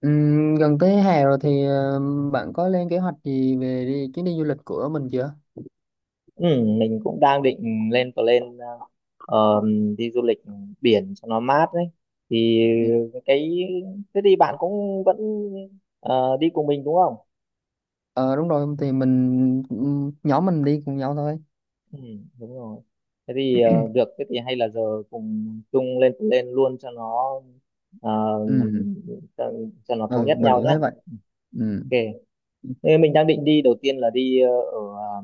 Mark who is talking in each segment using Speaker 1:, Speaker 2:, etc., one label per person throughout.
Speaker 1: Gần tới hè rồi thì bạn có lên kế hoạch gì về đi, chuyến đi du lịch của mình chưa?
Speaker 2: Ừ, mình cũng đang định lên plan ờ, đi du lịch biển cho nó mát đấy thì cái thế thì bạn cũng vẫn đi cùng mình đúng không?
Speaker 1: Ờ đúng rồi thì mình nhóm mình đi cùng nhau thôi.
Speaker 2: Ừ, đúng rồi. Thế thì được, thế thì hay là giờ cùng chung lên plan luôn cho nó ờ,
Speaker 1: Ừ,
Speaker 2: cho, cho nó thống
Speaker 1: ừ
Speaker 2: nhất
Speaker 1: mình
Speaker 2: nhau
Speaker 1: cũng
Speaker 2: nhá.
Speaker 1: thấy vậy. Ừ.
Speaker 2: Ok. Thế mình đang định đi, đầu tiên là đi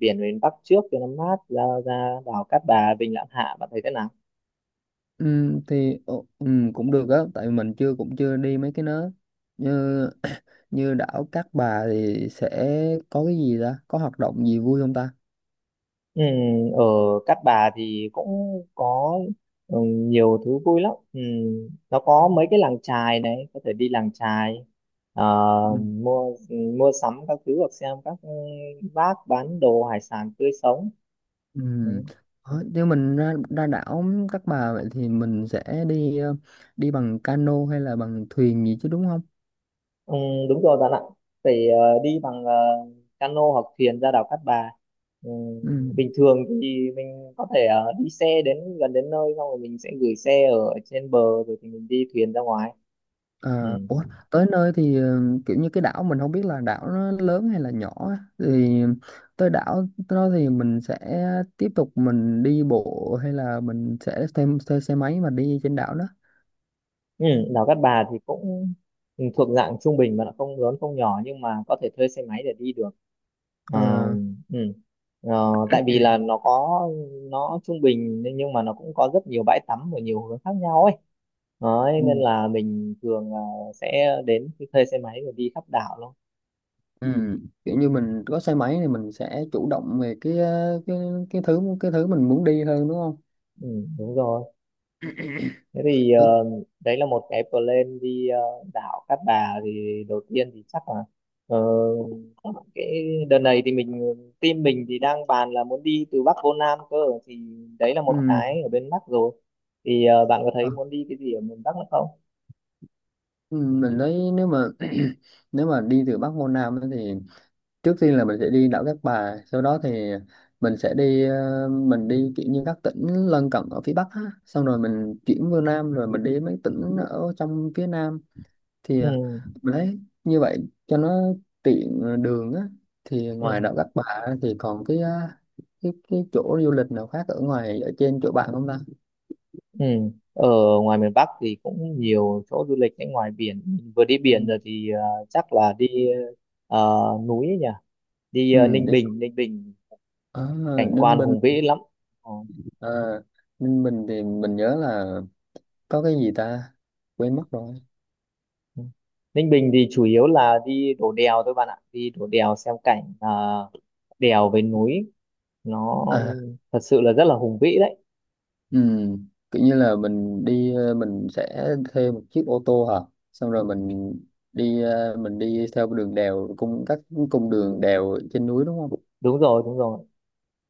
Speaker 2: biển miền Bắc trước cho nó mát, ra ra đảo Cát Bà, Vịnh Lãn Hạ, bạn thấy thế nào?
Speaker 1: Ừ, thì cũng được á tại mình chưa cũng chưa đi mấy cái nó như như đảo Cát Bà thì sẽ có cái gì ta, có hoạt động gì vui không ta?
Speaker 2: Ừ, ở Cát Bà thì cũng có nhiều thứ vui lắm. Ừ, nó có mấy cái làng chài này, có thể đi làng chài, ờ, mua mua sắm các thứ, hoặc xem các bác bán đồ hải sản tươi sống.
Speaker 1: Ừ.
Speaker 2: Ừ,
Speaker 1: Ờ, nếu mình ra, ra đảo Cát Bà vậy thì mình sẽ đi đi bằng cano hay là bằng thuyền gì chứ đúng không?
Speaker 2: ừ, đúng rồi bạn ạ. Phải đi bằng cano hoặc thuyền ra đảo Cát Bà. Ừ,
Speaker 1: Ừ.
Speaker 2: bình thường thì mình có thể đi xe đến gần đến nơi, xong rồi mình sẽ gửi xe ở trên bờ, rồi thì mình đi thuyền ra ngoài. Ừ.
Speaker 1: Ờ, ủa, tới nơi thì kiểu như cái đảo mình không biết là đảo nó lớn hay là nhỏ á. Thì tới đảo đó thì mình sẽ tiếp tục mình đi bộ hay là mình sẽ thêm thuê xe máy mà đi trên đảo đó.
Speaker 2: Ừ, đèo Cát Bà thì cũng thuộc dạng trung bình, mà nó không lớn không nhỏ, nhưng mà có thể thuê xe máy để đi được. Ờ,
Speaker 1: Ờ,
Speaker 2: ừ. Ờ, tại vì là nó trung bình, nhưng mà nó cũng có rất nhiều bãi tắm ở nhiều hướng khác nhau ấy. Đấy, nên
Speaker 1: ừ.
Speaker 2: là mình thường là sẽ đến thuê xe máy rồi đi khắp đảo luôn.
Speaker 1: Ừ. Kiểu như mình có xe máy thì mình sẽ chủ động về cái cái thứ mình muốn đi hơn đúng không?
Speaker 2: Ừ, đúng rồi. Thế thì đấy là một cái plan đi đảo Cát Bà. Thì đầu tiên thì chắc là ờ, cái đợt này thì team mình thì đang bàn là muốn đi từ Bắc vô Nam cơ, thì đấy là một
Speaker 1: Ừ.
Speaker 2: cái ở bên Bắc rồi. Thì bạn có thấy
Speaker 1: ờ,
Speaker 2: muốn đi cái gì ở miền Bắc nữa không?
Speaker 1: ừ, Mình thấy nếu mà nếu mà đi từ Bắc vô Nam ấy thì trước tiên là mình sẽ đi đảo Cát Bà, sau đó thì mình sẽ đi mình đi kiểu như các tỉnh lân cận ở phía Bắc á. Xong rồi mình chuyển vô Nam rồi mình đi mấy tỉnh ở trong phía Nam thì
Speaker 2: Ừ,
Speaker 1: mình thấy như vậy cho nó tiện đường á. Thì
Speaker 2: ừ,
Speaker 1: ngoài đảo Cát Bà á, thì còn cái cái chỗ du lịch nào khác ở ngoài ở trên chỗ bạn không ta?
Speaker 2: ừ. Ở ngoài miền Bắc thì cũng nhiều chỗ du lịch đấy. Ngoài biển mình vừa đi
Speaker 1: Ừ,
Speaker 2: biển rồi thì chắc là đi núi ấy nhỉ, đi
Speaker 1: ừ,
Speaker 2: Ninh
Speaker 1: đi
Speaker 2: Bình. Ninh Bình
Speaker 1: ở
Speaker 2: cảnh
Speaker 1: Ninh
Speaker 2: quan
Speaker 1: Bình.
Speaker 2: hùng vĩ lắm. Ờ.
Speaker 1: À, Ninh Bình thì mình nhớ là có cái gì ta, quên mất rồi.
Speaker 2: Ừ. Ninh Bình thì chủ yếu là đi đổ đèo thôi bạn ạ, đi đổ đèo xem cảnh à, đèo với núi nó
Speaker 1: À
Speaker 2: thật sự là rất là hùng vĩ đấy.
Speaker 1: kiểu như là mình đi mình sẽ thuê một chiếc ô tô hả, xong rồi mình đi mình đi theo đường đèo, các cung đường đèo trên núi đúng không?
Speaker 2: Đúng rồi, đúng rồi.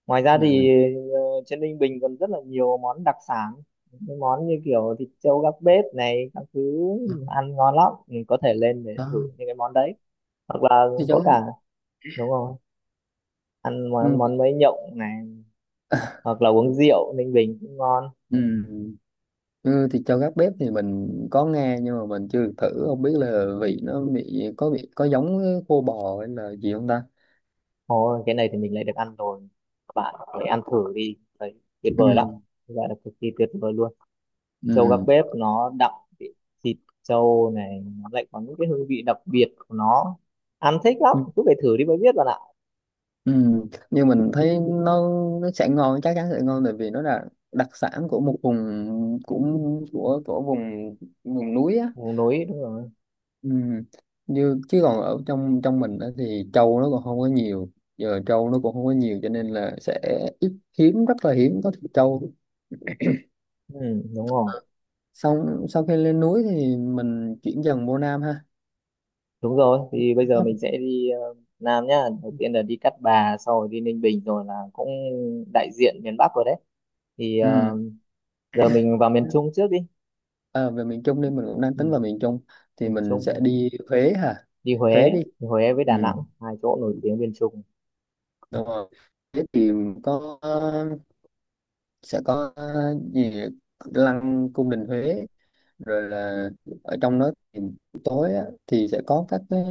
Speaker 2: Ngoài ra
Speaker 1: Ừ,
Speaker 2: thì ờ, trên Ninh Bình còn rất là nhiều món đặc sản, những món như kiểu thịt trâu gác bếp này các thứ, ăn ngon lắm, mình có thể lên để
Speaker 1: đó
Speaker 2: thử những cái món đấy. Hoặc là
Speaker 1: thì
Speaker 2: có
Speaker 1: cháu
Speaker 2: cả, đúng rồi, ăn món,
Speaker 1: ừm,
Speaker 2: món mấy nhộng này, hoặc là uống rượu Ninh Bình cũng ngon.
Speaker 1: ừm, ừ, thì cho gác bếp thì mình có nghe nhưng mà mình chưa được thử, không biết là vị nó có có giống với khô bò hay là gì không ta.
Speaker 2: Ồ, cái này thì mình lại được ăn rồi. Các bạn hãy ăn thử đi. Đấy, tuyệt
Speaker 1: Ừ,
Speaker 2: vời lắm. Gọi là cực kỳ tuyệt vời luôn. Trâu gác
Speaker 1: ừ.
Speaker 2: bếp nó đậm vị thịt trâu này. Nó lại có những cái hương vị đặc biệt của nó. Ăn thích lắm. Cứ phải thử đi mới biết bạn ạ.
Speaker 1: Ừ, nhưng mình thấy nó sẽ ngon, chắc chắn sẽ ngon tại vì nó là đặc sản của một vùng, cũng của vùng vùng núi á.
Speaker 2: Vùng núi, đúng rồi.
Speaker 1: Ừ. Như chứ còn ở trong trong mình á thì trâu nó còn không có nhiều, giờ trâu nó cũng không có nhiều cho nên là sẽ ít, hiếm, rất là hiếm có thịt trâu.
Speaker 2: Ừ, đúng rồi.
Speaker 1: Xong sau khi lên núi thì mình chuyển dần vô Nam ha.
Speaker 2: Đúng rồi. Thì bây giờ mình sẽ đi Nam nhá. Đầu tiên là đi Cát Bà, sau rồi đi Ninh Bình, rồi là cũng đại diện miền Bắc rồi đấy. Thì
Speaker 1: Ừ.
Speaker 2: giờ mình vào miền Trung trước đi.
Speaker 1: À, về miền Trung đi, mình cũng đang tính
Speaker 2: Ừ,
Speaker 1: vào miền Trung thì
Speaker 2: miền
Speaker 1: mình sẽ
Speaker 2: Trung,
Speaker 1: đi Huế hả,
Speaker 2: đi Huế
Speaker 1: Huế đi.
Speaker 2: đi Huế với
Speaker 1: Ừ.
Speaker 2: Đà Nẵng, hai chỗ nổi tiếng bên Trung.
Speaker 1: Đúng rồi. Thế thì có sẽ có gì, lăng cung đình Huế rồi là ở trong đó thì tối á, thì sẽ có các cái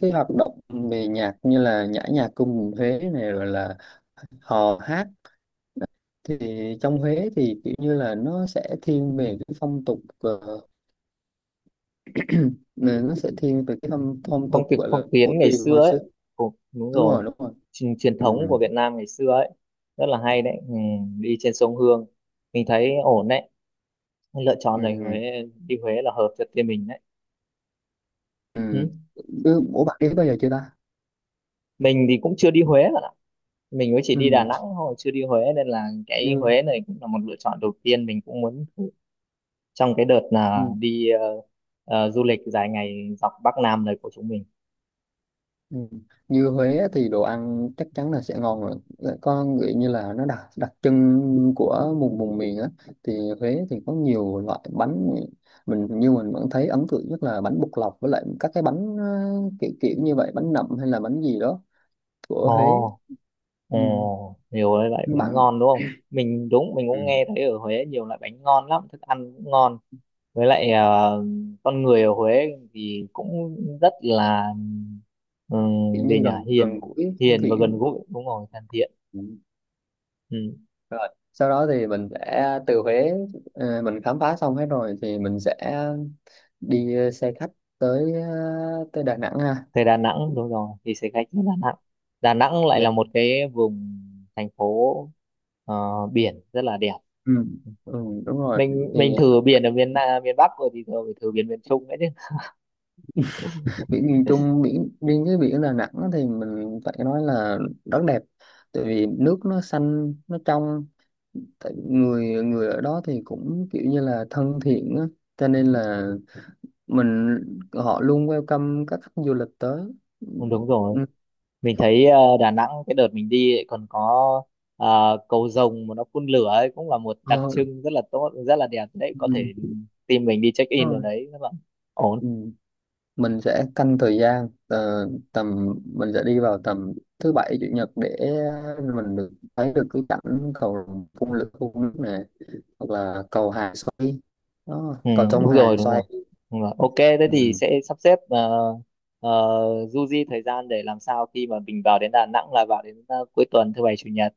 Speaker 1: cái hoạt động về nhạc như là nhã nhạc cung đình Huế này rồi là hò hát. Thì trong Huế thì kiểu như là nó sẽ thiên về cái phong tục nè, nó sẽ thiên về cái phong
Speaker 2: Phong
Speaker 1: tục
Speaker 2: tục
Speaker 1: gọi là
Speaker 2: phong
Speaker 1: cổ
Speaker 2: kiến ngày
Speaker 1: truyền
Speaker 2: xưa
Speaker 1: hồi
Speaker 2: ấy,
Speaker 1: xưa.
Speaker 2: cũng đúng
Speaker 1: Đúng
Speaker 2: rồi,
Speaker 1: rồi đúng rồi.
Speaker 2: truyền
Speaker 1: Ừ.
Speaker 2: thống của Việt Nam ngày xưa ấy, rất là hay đấy. Ừ, Đi trên sông Hương, mình thấy ổn đấy, lựa chọn này Huế.
Speaker 1: Ừ.
Speaker 2: Đi Huế là hợp cho team mình đấy.
Speaker 1: Ừ.
Speaker 2: Ừ.
Speaker 1: Ừ. Ủa bạn đi bao giờ chưa ta?
Speaker 2: Mình thì cũng chưa đi Huế bạn ạ, mình mới chỉ đi Đà Nẵng thôi, chưa đi Huế, nên là cái
Speaker 1: Ừ.
Speaker 2: Huế này cũng là một lựa chọn đầu tiên mình cũng muốn thử trong cái đợt
Speaker 1: Ừ,
Speaker 2: là đi du lịch dài ngày dọc Bắc Nam này của chúng mình.
Speaker 1: ừ. Như Huế á thì đồ ăn chắc chắn là sẽ ngon rồi. Có nghĩ như là nó đặc đặc trưng của vùng vùng miền á thì Huế thì có nhiều loại bánh. Mình như mình vẫn thấy ấn tượng nhất là bánh bột lọc với lại các cái bánh kiểu kiểu như vậy, bánh nậm hay là bánh gì đó của Huế.
Speaker 2: Ồ, Ờ,
Speaker 1: Ừ.
Speaker 2: nhiều cái loại bánh
Speaker 1: Bạn.
Speaker 2: ngon đúng không? Mình
Speaker 1: Ừ.
Speaker 2: cũng nghe thấy ở Huế nhiều loại bánh ngon lắm, thức ăn cũng ngon. Với lại con người ở Huế thì cũng rất là,
Speaker 1: Kiểu
Speaker 2: gì
Speaker 1: như
Speaker 2: nhỉ?
Speaker 1: gần
Speaker 2: Hiền,
Speaker 1: gần gũi thân
Speaker 2: hiền và
Speaker 1: thiện.
Speaker 2: gần gũi, đúng rồi, thân thiện. Ừ.
Speaker 1: Rồi sau đó thì mình sẽ từ Huế mình khám phá xong hết rồi thì mình sẽ đi xe khách tới tới Đà Nẵng ha.
Speaker 2: Thế Đà Nẵng đúng rồi, thì sẽ khách đến Đà Nẵng. Đà Nẵng lại
Speaker 1: Về-
Speaker 2: là một cái vùng thành phố ờ, biển rất là đẹp.
Speaker 1: Ừ. Ừ, đúng rồi
Speaker 2: Mình
Speaker 1: thì
Speaker 2: mình thử biển ở miền Bắc rồi thì giờ phải thử biển miền Trung nữa chứ.
Speaker 1: biển miền Trung, biển riêng cái biển Đà Nẵng thì mình phải nói là rất đẹp tại vì nước nó xanh nó trong, tại người người ở đó thì cũng kiểu như là thân thiện á cho nên là mình, họ luôn welcome các khách du lịch tới.
Speaker 2: Ừ, đúng rồi.
Speaker 1: Ừ,
Speaker 2: Mình thấy Đà Nẵng cái đợt mình đi ấy còn có cầu rồng mà nó phun lửa ấy, cũng là một đặc
Speaker 1: ờ,
Speaker 2: trưng rất là tốt, rất là đẹp đấy, có thể
Speaker 1: ừ. Đúng
Speaker 2: team mình đi check in ở
Speaker 1: rồi.
Speaker 2: đấy rất là ổn.
Speaker 1: Ừ, mình sẽ canh thời gian tầm mình sẽ đi vào tầm thứ Bảy Chủ Nhật để mình được thấy được cái cảnh cầu phun lửa phun nước này hoặc là cầu hàng xoay, đó,
Speaker 2: ừ,
Speaker 1: cầu sông
Speaker 2: Đúng rồi,
Speaker 1: hàng
Speaker 2: đúng rồi,
Speaker 1: xoay.
Speaker 2: đúng rồi. Ok, thế thì
Speaker 1: Ừ.
Speaker 2: sẽ sắp xếp du di thời gian để làm sao khi mà mình vào đến Đà Nẵng là vào đến cuối tuần, thứ bảy chủ nhật.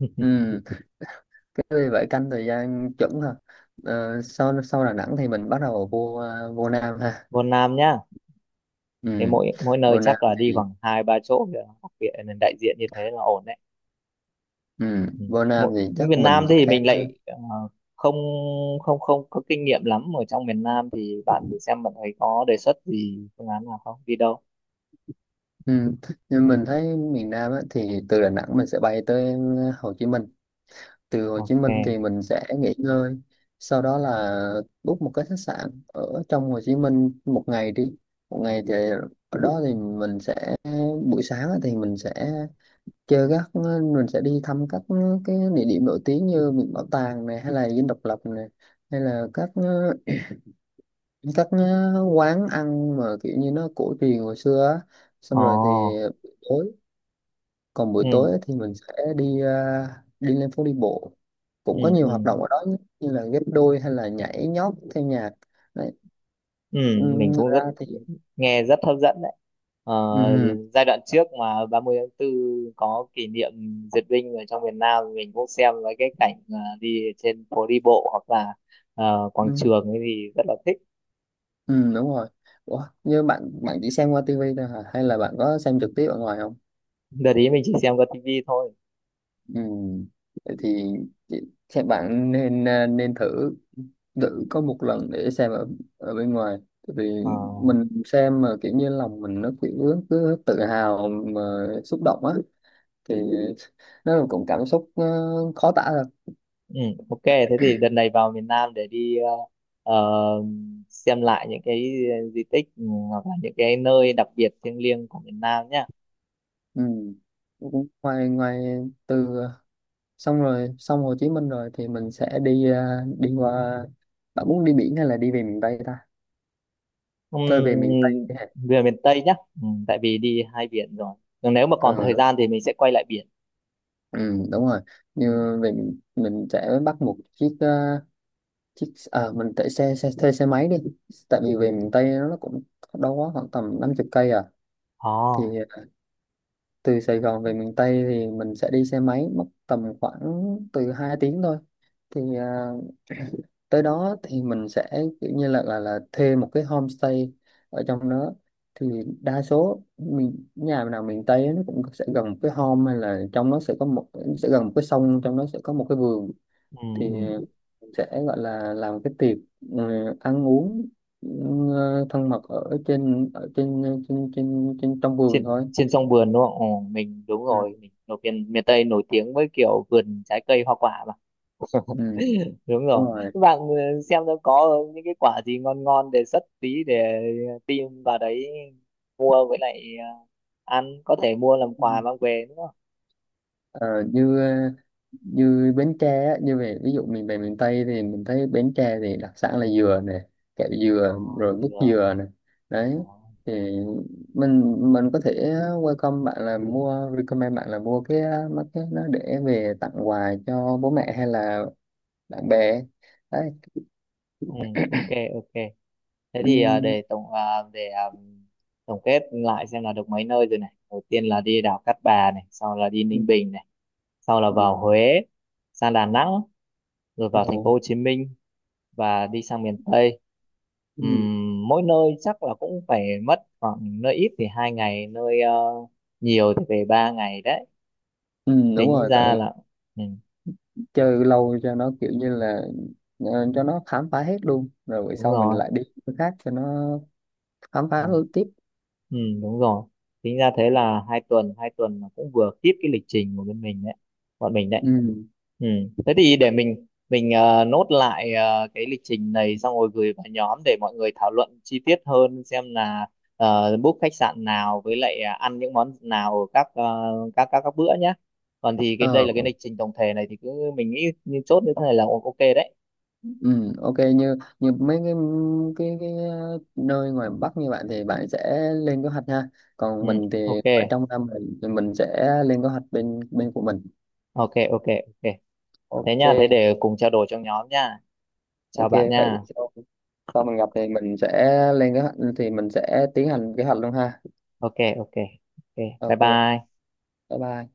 Speaker 1: Ừ. Cái vì vậy canh thời gian chuẩn ha. Ờ, sau sau Đà Nẵng thì mình bắt đầu vô vô Nam ha.
Speaker 2: Vân Nam nhá.
Speaker 1: Ừ.
Speaker 2: Thế mỗi mỗi nơi
Speaker 1: Vô Nam
Speaker 2: chắc là đi
Speaker 1: thì
Speaker 2: khoảng hai ba chỗ để đặc biệt là đại diện, như thế là ổn đấy.
Speaker 1: ừ.
Speaker 2: Ừ.
Speaker 1: Vô Nam
Speaker 2: Mỗi
Speaker 1: thì
Speaker 2: Việt
Speaker 1: chắc mình
Speaker 2: Nam thì
Speaker 1: sẽ
Speaker 2: mình lại không không không có kinh nghiệm lắm ở trong miền Nam, thì bạn thử xem, bạn thấy có đề xuất gì, phương án nào không, đi đâu.
Speaker 1: ừ. Nhưng mình thấy miền Nam á, thì từ Đà Nẵng mình sẽ bay tới Hồ Chí Minh, từ Hồ Chí Minh thì
Speaker 2: Ok.
Speaker 1: mình sẽ nghỉ ngơi, sau đó là book một cái khách sạn ở trong Hồ Chí Minh một ngày đi. Một ngày thì ở đó thì mình sẽ buổi sáng á thì mình sẽ chơi các, mình sẽ đi thăm các cái địa điểm nổi tiếng như Viện Bảo tàng này hay là Dinh Độc Lập này hay là các quán ăn mà kiểu như nó cổ truyền hồi xưa á. Xong rồi thì
Speaker 2: Ồ.
Speaker 1: tối, còn buổi
Speaker 2: Ừ,
Speaker 1: tối ấy thì mình sẽ đi à, đi lên phố đi bộ, cũng
Speaker 2: ừ,
Speaker 1: có nhiều
Speaker 2: ừ,
Speaker 1: hoạt động ở đó như là ghép đôi hay là nhảy nhót theo nhạc. Đấy.
Speaker 2: ừ, mình
Speaker 1: Ngoài
Speaker 2: cũng
Speaker 1: ra thì
Speaker 2: nghe rất hấp dẫn đấy. Ờ,
Speaker 1: ừm,
Speaker 2: giai đoạn trước mà ba mươi tháng 4 có kỷ niệm duyệt binh ở trong miền Nam, mình cũng xem mấy cái cảnh đi trên phố đi bộ hoặc là quảng
Speaker 1: ừm,
Speaker 2: trường ấy thì rất là thích.
Speaker 1: đúng rồi. Ủa, như bạn, bạn chỉ xem qua tivi thôi hả hay là bạn có xem trực tiếp ở ngoài không?
Speaker 2: Đợt ý mình chỉ xem qua tivi thôi.
Speaker 1: Ừm, vậy thì chị- xem bạn nên à, nên thử, thử có một lần để xem ở ở bên ngoài. Tại vì
Speaker 2: Ờ
Speaker 1: mình xem mà kiểu như lòng mình nó kiểu cứ tự hào mà xúc động á, thì nó là cũng cảm xúc khó tả được.
Speaker 2: Ừ, ok, thế thì đợt này vào miền Nam để đi ờ, xem lại những cái di tích, hoặc là những cái nơi đặc biệt thiêng liêng của miền Nam nhá.
Speaker 1: Ừ. Cũng ngoài ngoài từ xong rồi, xong Hồ Chí Minh rồi thì mình sẽ đi đi qua, bạn muốn đi biển hay là đi về miền Tây ta? Thôi về miền Tây
Speaker 2: Ừm,
Speaker 1: đi hả?
Speaker 2: Về miền Tây nhá, tại vì đi hai biển rồi. Còn nếu mà còn
Speaker 1: Ừ
Speaker 2: thời
Speaker 1: đúng,
Speaker 2: gian thì mình sẽ quay lại biển.
Speaker 1: ừ, đúng rồi.
Speaker 2: Ừ.
Speaker 1: Như về mình sẽ bắt một chiếc chiếc à, mình thuê xe máy đi tại vì về miền Tây nó cũng đâu quá khoảng tầm 50 cây à. Thì
Speaker 2: Oh.
Speaker 1: à, từ Sài Gòn về miền Tây thì mình sẽ đi xe máy mất tầm khoảng từ 2 tiếng thôi thì à, tới đó thì mình sẽ kiểu như là là thuê một cái homestay ở trong đó thì đa số mình, nhà nào miền Tây á, nó cũng sẽ gần một cái home hay là trong nó sẽ có một, sẽ gần một cái sông, trong nó sẽ có một cái vườn thì sẽ gọi là làm cái tiệc ừ, ăn uống ừ, thân mật ở trên trên trong vườn
Speaker 2: Trên
Speaker 1: thôi.
Speaker 2: trên sông vườn đúng không? Ồ, đúng
Speaker 1: Ừ.
Speaker 2: rồi, mình ở miền miền Tây nổi tiếng với kiểu vườn trái cây hoa quả mà.
Speaker 1: Ừ,
Speaker 2: Đúng
Speaker 1: đúng
Speaker 2: rồi,
Speaker 1: rồi.
Speaker 2: các bạn xem nó có những cái quả gì ngon ngon, đề xuất tí để tìm vào đấy mua, với lại ăn, có thể mua làm quà mang về nữa.
Speaker 1: Ờ, như như Bến Tre á, như về ví dụ mình về miền Tây thì mình thấy Bến Tre thì đặc sản là dừa nè, kẹo
Speaker 2: Ờ,
Speaker 1: dừa rồi mứt
Speaker 2: được.
Speaker 1: dừa nè, đấy
Speaker 2: Ờ.
Speaker 1: thì mình có thể welcome bạn là mua, recommend bạn là mua cái mấy cái nó để về tặng quà cho bố mẹ hay là bạn bè, đấy.
Speaker 2: Ừ, ok, ok, thế
Speaker 1: Ừ,
Speaker 2: thì để tổng ờ, để ờ, tổng kết lại xem là được mấy nơi rồi này. Đầu tiên là đi đảo Cát Bà này, sau là đi
Speaker 1: ừ,
Speaker 2: Ninh Bình này, sau là
Speaker 1: ừ,
Speaker 2: vào Huế, sang Đà Nẵng, rồi vào thành phố
Speaker 1: ồ,
Speaker 2: Hồ Chí Minh và đi sang miền Tây.
Speaker 1: ừ,
Speaker 2: Mỗi nơi chắc là cũng phải mất khoảng, nơi ít thì hai ngày, nơi nhiều thì về ba ngày đấy,
Speaker 1: ừ, đúng
Speaker 2: tính
Speaker 1: rồi tại
Speaker 2: ra
Speaker 1: vì
Speaker 2: là, ừ,
Speaker 1: chơi lâu cho nó kiểu như là cho nó khám phá hết luôn rồi buổi
Speaker 2: đúng
Speaker 1: sau mình
Speaker 2: rồi.
Speaker 1: lại đi chỗ khác cho nó khám phá
Speaker 2: Ừ.
Speaker 1: thôi tiếp.
Speaker 2: Ừ, đúng rồi. Tính ra thế là hai tuần là cũng vừa kịp cái lịch trình của bên mình đấy, bọn mình đấy.
Speaker 1: Ừ.
Speaker 2: Ừ. Thế thì để mình nốt lại cái lịch trình này, xong rồi gửi vào nhóm để mọi người thảo luận chi tiết hơn, xem là book khách sạn nào, với lại à, ăn những món nào ở các ờ, các bữa nhé. Còn thì cái đây
Speaker 1: Ờ.
Speaker 2: là cái lịch trình tổng thể này thì cứ, mình nghĩ như chốt như thế này là ok đấy.
Speaker 1: Ừ, ok như như mấy cái nơi ngoài Bắc như bạn thì bạn sẽ lên kế hoạch ha,
Speaker 2: Ừ,
Speaker 1: còn mình
Speaker 2: ok,
Speaker 1: thì ở trong năm mình thì mình sẽ lên kế hoạch bên bên của mình.
Speaker 2: ok, ok, ok. Thế
Speaker 1: Ok
Speaker 2: nha, thế để cùng trao đổi trong nhóm nha. Chào
Speaker 1: ok.
Speaker 2: bạn
Speaker 1: Vậy
Speaker 2: nha.
Speaker 1: sau, sau mình gặp thì mình sẽ lên kế hoạch thì mình sẽ tiến hành kế hoạch luôn ha.
Speaker 2: Ok, ok, ok. Bye,
Speaker 1: Ok bye
Speaker 2: bye.
Speaker 1: bye.